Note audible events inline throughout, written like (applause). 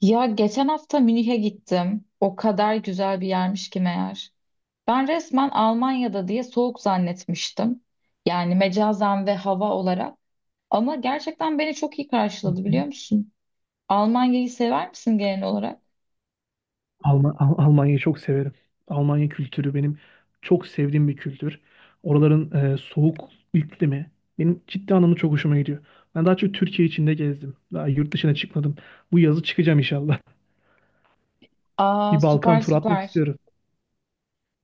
Ya geçen hafta Münih'e gittim. O kadar güzel bir yermiş ki meğer. Ben resmen Almanya'da diye soğuk zannetmiştim. Yani mecazen ve hava olarak. Ama gerçekten beni çok iyi karşıladı biliyor Hmm. musun? Almanya'yı sever misin genel olarak? Almanya'yı çok severim. Almanya kültürü benim çok sevdiğim bir kültür. Oraların soğuk iklimi benim ciddi anlamda çok hoşuma gidiyor. Ben daha çok Türkiye içinde gezdim. Daha yurt dışına çıkmadım. Bu yazı çıkacağım inşallah. (laughs) Aa, Bir Balkan süper turu atmak süper. istiyorum.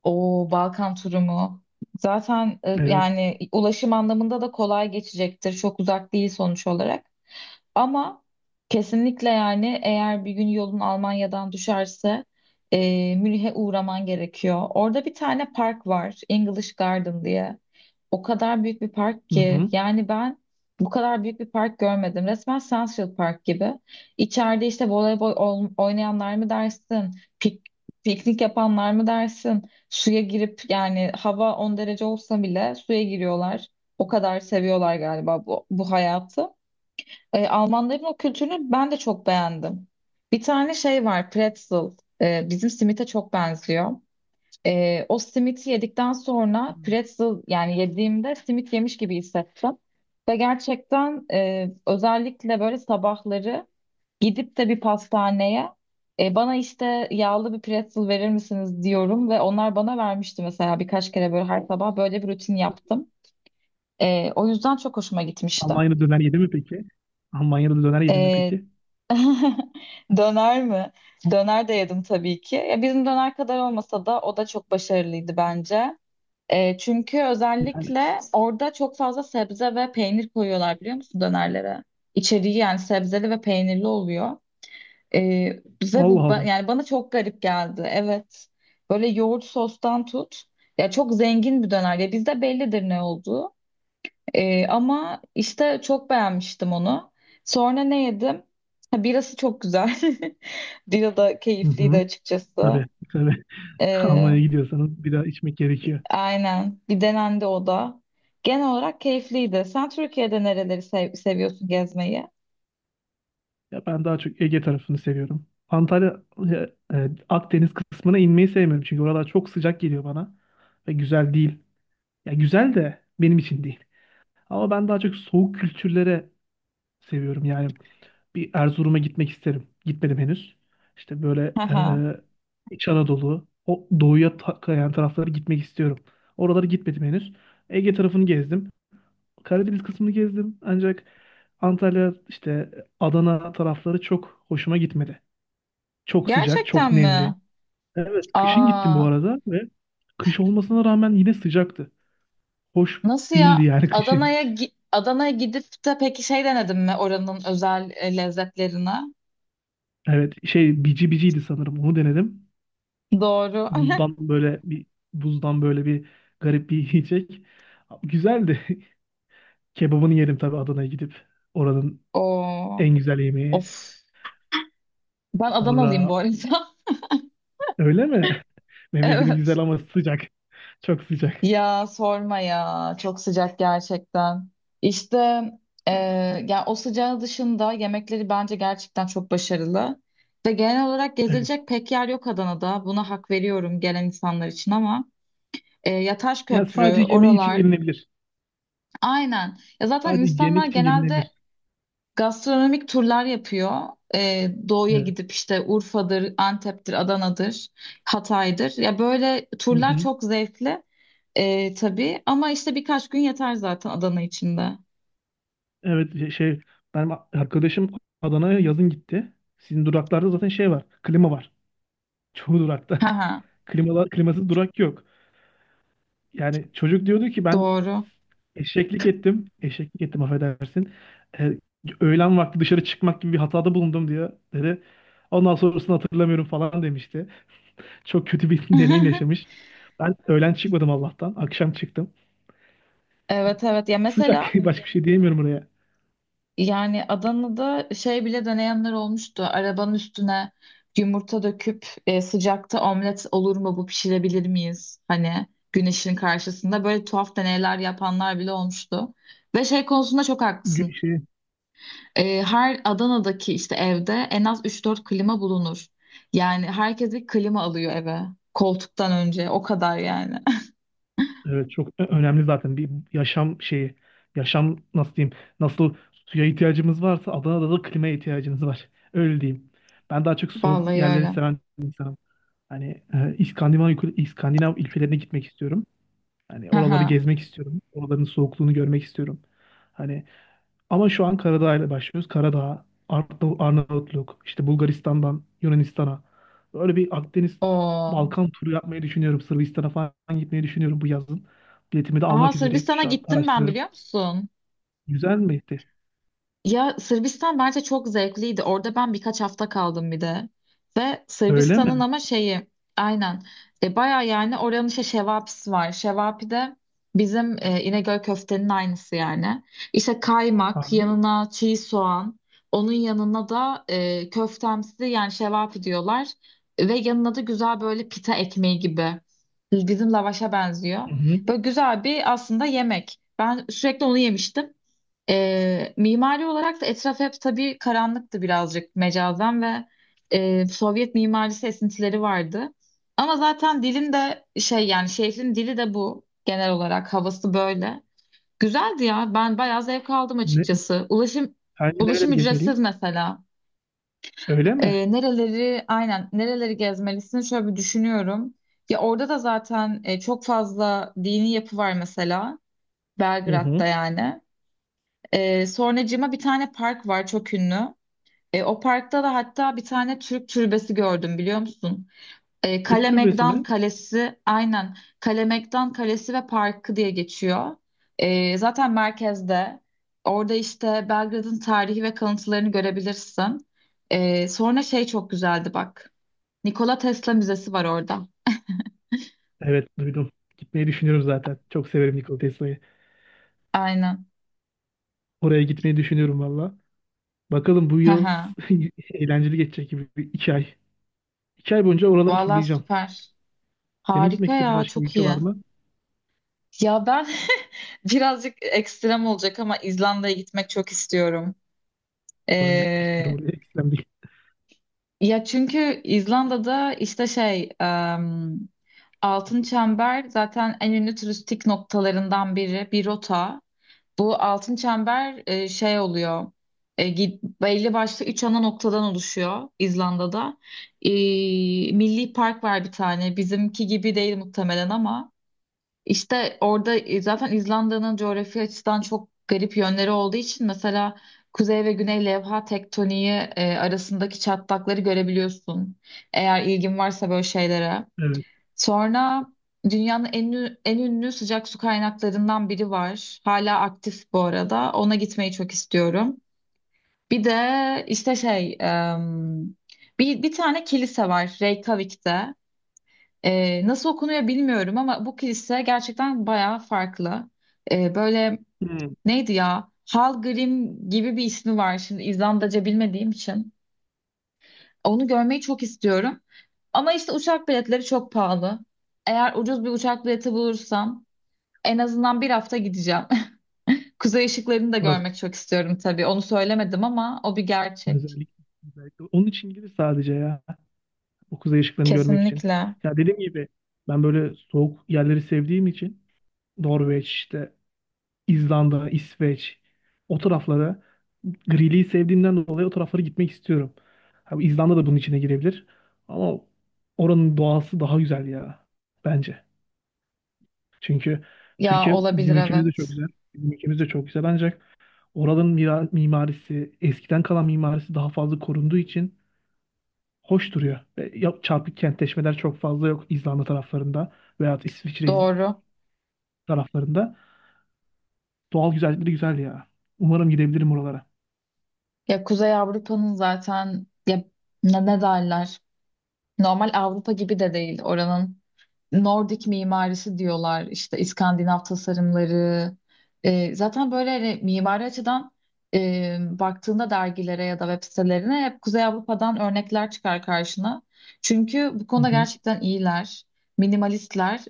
O Balkan turumu. Zaten Evet. yani ulaşım anlamında da kolay geçecektir. Çok uzak değil sonuç olarak. Ama kesinlikle yani eğer bir gün yolun Almanya'dan düşerse Münih'e uğraman gerekiyor. Orada bir tane park var, English Garden diye. O kadar büyük bir park Hı ki hı. yani ben bu kadar büyük bir park görmedim. Resmen Central Park gibi. İçeride işte voleybol oynayanlar mı dersin, pik- piknik yapanlar mı dersin, suya girip yani hava 10 derece olsa bile suya giriyorlar. O kadar seviyorlar galiba bu hayatı. Almanların o kültürünü ben de çok beğendim. Bir tane şey var, pretzel. Bizim simite çok benziyor. O simiti yedikten sonra pretzel yani yediğimde simit yemiş gibi hissettim. Ve gerçekten özellikle böyle sabahları gidip de bir pastaneye bana işte yağlı bir pretzel verir misiniz diyorum ve onlar bana vermişti mesela birkaç kere böyle her sabah böyle bir rutin yaptım. O yüzden çok hoşuma gitmişti. Almanya'da döner yedi mi peki? Almanya'da döner yedi mi Ee, peki? Döner mi? Döner de yedim tabii ki. Ya bizim döner kadar olmasa da o da çok başarılıydı bence. Çünkü Yani özellikle orada çok fazla sebze ve peynir koyuyorlar biliyor musun dönerlere? İçeriği yani sebzeli ve peynirli oluyor. E, Bize bu Allah Allah. yani bana çok garip geldi. Evet. Böyle yoğurt sostan tut. Ya çok zengin bir döner. Ya bizde bellidir ne olduğu. Ama işte çok beğenmiştim onu. Sonra ne yedim? Ha, birası çok güzel. (laughs) Bira da Hı keyifliydi hı. açıkçası. Tabii tabii. (laughs) Ee, Almanya'ya gidiyorsanız bir daha içmek gerekiyor. aynen. Bir denendi o da. Genel olarak keyifliydi. Sen Türkiye'de nereleri seviyorsun gezmeyi? Ya ben daha çok Ege tarafını seviyorum. Antalya, e, Akdeniz kısmına inmeyi sevmiyorum. Çünkü oralar çok sıcak geliyor bana. Ve güzel değil. Ya güzel de benim için değil. Ama ben daha çok soğuk kültürlere seviyorum. Yani bir Erzurum'a gitmek isterim. Gitmedim henüz. İşte böyle Haha. İç Anadolu, o doğuya kayan taraflara gitmek istiyorum. Oralara gitmedim henüz. Ege tarafını gezdim. Karadeniz kısmını gezdim. Ancak Antalya, işte Adana tarafları çok hoşuma gitmedi. Çok sıcak, Gerçekten çok mi? nemli. Evet, kışın gittim bu Aa, arada ve kış olmasına rağmen yine sıcaktı. Hoş nasıl değildi ya? yani (laughs) kışın. Adana'ya Adana'ya gidip de peki şey denedin mi oranın özel lezzetlerine? Evet, şey bici biciydi sanırım. Onu denedim. Doğru. (laughs) Buzdan böyle bir buzdan böyle bir garip bir yiyecek. Güzeldi. (laughs) Kebabını yedim tabii Adana'ya gidip. Oranın Oo, en güzel yemeği. of. Ben Adanalıyım bu Sonra arada. öyle mi? (laughs) (laughs) Memleketin güzel Evet. ama sıcak. (laughs) Çok sıcak. Ya sorma ya. Çok sıcak gerçekten. İşte e, yani o sıcağı dışında yemekleri bence gerçekten çok başarılı. Ve genel olarak Evet. gezilecek pek yer yok Adana'da. Buna hak veriyorum gelen insanlar için ama Yataş Yani Köprü, sadece yemeği için oralar. gelinebilir. Aynen. Ya zaten Sadece insanlar yemek için gelinebilir. genelde gastronomik turlar yapıyor. Doğuya Evet. gidip işte Urfa'dır, Antep'tir, Adana'dır, Hatay'dır. Ya böyle Hı turlar hı. çok zevkli, tabii ama işte birkaç gün yeter zaten Adana içinde. Evet benim arkadaşım Adana'ya yazın gitti. Sizin duraklarda zaten şey var. Klima var. Çoğu durakta. Haha, (laughs) Klimalar, klimasız durak yok. Yani çocuk diyordu ki ben doğru. eşeklik ettim. Eşeklik ettim affedersin. Ee, Öğlen vakti dışarı çıkmak gibi bir hatada bulundum diye dedi. Ondan sonrasını hatırlamıyorum falan demişti. Çok kötü bir (laughs) deneyim yaşamış. (laughs) Ben öğlen çıkmadım Allah'tan. Akşam çıktım. Evet, evet, ya Sıcak. (laughs) mesela. Başka bir şey diyemiyorum oraya. Yani Adana'da şey bile deneyenler olmuştu. Arabanın üstüne yumurta döküp sıcakta omlet olur mu, bu pişirebilir miyiz? Hani güneşin karşısında böyle tuhaf deneyler yapanlar bile olmuştu. Ve şey konusunda çok Gü- haklısın. Şey, Her Adana'daki işte evde en az üç dört klima bulunur. Yani herkes bir klima alıyor eve. Koltuktan önce o kadar yani. Evet çok önemli zaten bir yaşam şeyi. Yaşam nasıl diyeyim? Nasıl suya ihtiyacımız varsa Adana'da da klimaya ihtiyacımız var. (laughs) Öyle diyeyim. Ben daha çok (laughs) soğuk Vallahi yerleri öyle. seven bir insanım. Hani İskandinav, İskandinav ülkelerine gitmek istiyorum. Hani Hı oraları hı. gezmek istiyorum. Oraların soğukluğunu görmek istiyorum. Hani ama şu an Karadağ ile başlıyoruz. Karadağ, Arnavutluk, işte Bulgaristan'dan Yunanistan'a. Böyle bir Akdeniz Oo. Balkan turu yapmayı düşünüyorum. Sırbistan'a falan gitmeyi düşünüyorum bu yazın. Biletimi de Aa, almak üzereyim. Sırbistan'a Şu an gittim ben araştırıyorum. biliyor musun? Güzel miydi? Ya Sırbistan bence çok zevkliydi. Orada ben birkaç hafta kaldım bir de. Ve Öyle Sırbistan'ın mi? ama şeyi aynen, baya yani oranın işte şevapisi var. Şevapi de bizim İnegöl köftenin aynısı yani. İşte kaymak, Abi. yanına çiğ soğan, onun yanına da köftemsi yani şevapi diyorlar. Ve yanına da güzel böyle pita ekmeği gibi. Bizim lavaşa benziyor. Hı hı. Böyle güzel bir aslında yemek. Ben sürekli onu yemiştim. Mimari olarak da etraf hep tabii karanlıktı birazcık mecazen ve Sovyet mimarisi esintileri vardı. Ama zaten dilin de şey yani şehrin dili de bu, genel olarak havası böyle. Güzeldi ya, ben bayağı zevk aldım Ne, açıkçası. Ulaşım sence ulaşım nereleri ücretsiz gezmeliyim? mesela. Öyle mi? Nereleri, aynen, nereleri gezmelisin şöyle bir düşünüyorum. Ya orada da zaten çok fazla dini yapı var mesela Hı Belgrad'da hı. yani. Sonracığıma bir tane park var çok ünlü. O parkta da hatta bir tane Türk türbesi gördüm biliyor musun? Türk Kale türbesi Megdan mi? Kalesi, aynen, Kale Megdan Kalesi ve Parkı diye geçiyor. Zaten merkezde. Orada işte Belgrad'ın tarihi ve kalıntılarını görebilirsin. Sonra şey çok güzeldi bak. Nikola Tesla Müzesi var orada. Evet duydum. Gitmeyi düşünüyorum zaten. Çok severim Nikola Tesla'yı. Aynen. Oraya gitmeyi düşünüyorum valla. Bakalım bu yıl (laughs) (laughs) eğlenceli geçecek gibi bir iki ay. İki ay boyunca oraları Valla turlayacağım. süper. Senin gitmek Harika istediğin ya, başka bir çok ülke iyi. var mı? Ya ben (laughs) birazcık ekstrem olacak ama İzlanda'ya gitmek çok istiyorum. Ben de gitmek istiyorum Ee, oraya. Ekstrem değil. Ya çünkü İzlanda'da işte şey, Altın Çember zaten en ünlü turistik noktalarından biri, bir rota. Bu Altın Çember şey oluyor. Belli başlı üç ana noktadan oluşuyor İzlanda'da. Ee, Milli Park var bir tane. Bizimki gibi değil muhtemelen ama. İşte orada zaten İzlanda'nın coğrafi açıdan çok garip yönleri olduğu için mesela kuzey ve güney levha tektoniği arasındaki çatlakları görebiliyorsun. Eğer ilgin varsa böyle şeylere. Evet. Sonra dünyanın en ünlü sıcak su kaynaklarından biri var. Hala aktif bu arada. Ona gitmeyi çok istiyorum. Bir de işte şey, bir tane kilise var Reykjavik'te. Nasıl okunuyor bilmiyorum ama bu kilise gerçekten bayağı farklı. Böyle Hmm. neydi ya? Hallgrim gibi bir ismi var, şimdi İzlandaca bilmediğim için. Onu görmeyi çok istiyorum. Ama işte uçak biletleri çok pahalı. Eğer ucuz bir uçak bileti bulursam en azından bir hafta gideceğim. (laughs) Kuzey ışıklarını da Orası. görmek çok istiyorum tabii. Onu söylemedim ama o bir gerçek. Özellikle, özellikle. Onun için gidip sadece ya. O kuzey ışıklarını görmek için. Kesinlikle. Ya dediğim gibi ben böyle soğuk yerleri sevdiğim için Norveç işte İzlanda, İsveç o taraflara griliği sevdiğimden dolayı o taraflara gitmek istiyorum. Ha, İzlanda da bunun içine girebilir. Ama oranın doğası daha güzel ya bence. Çünkü Ya Türkiye bizim olabilir, ülkemiz de çok evet. güzel. Bizim ülkemiz de çok güzel ancak oranın mimarisi, eskiden kalan mimarisi daha fazla korunduğu için hoş duruyor. Ve çarpık kentleşmeler çok fazla yok İzlanda taraflarında veya İsviçre Doğru. taraflarında. Doğal güzellikleri güzel ya. Umarım gidebilirim oralara. Ya Kuzey Avrupa'nın zaten ya ne derler? Normal Avrupa gibi de değil oranın. Nordik mimarisi diyorlar işte, İskandinav tasarımları. Zaten böyle hani mimari açıdan baktığında dergilere ya da web sitelerine hep Kuzey Avrupa'dan örnekler çıkar karşına. Çünkü bu Hı konuda hı. gerçekten iyiler, minimalistler.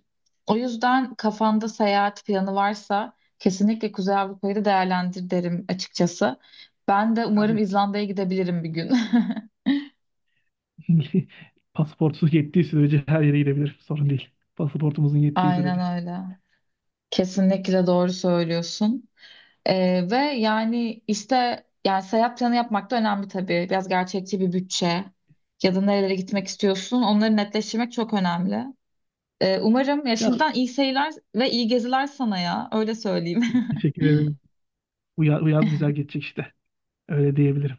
O yüzden kafanda seyahat planı varsa kesinlikle Kuzey Avrupa'yı da değerlendir derim açıkçası. Ben de umarım Yani İzlanda'ya gidebilirim bir gün. (laughs) pasaportunuz yettiği sürece her yere gidebilir. Sorun değil. Pasaportumuzun (laughs) yettiği sürece. Aynen öyle. Kesinlikle doğru söylüyorsun. Ve yani işte, yani seyahat planı yapmak da önemli tabii. Biraz gerçekçi bir bütçe ya da nerelere gitmek istiyorsun, onları netleştirmek çok önemli. Umarım ya, Ya şimdiden iyi seyirler ve iyi geziler sana, ya öyle söyleyeyim. (laughs) teşekkür ederim. Bu yaz güzel geçecek işte. Öyle diyebilirim.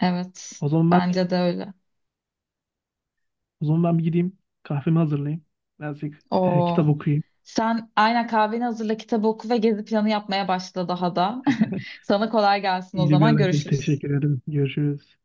Evet, O zaman ben bence de öyle. O zaman ben bir gideyim. Kahvemi hazırlayayım. Birazcık Oo. kitap okuyayım. Sen aynen kahveni hazırla, kitabı oku ve gezi planı yapmaya başla daha da. (laughs) Sana kolay gelsin, o İyice bir zaman arayayım. görüşürüz. Teşekkür ederim. Görüşürüz.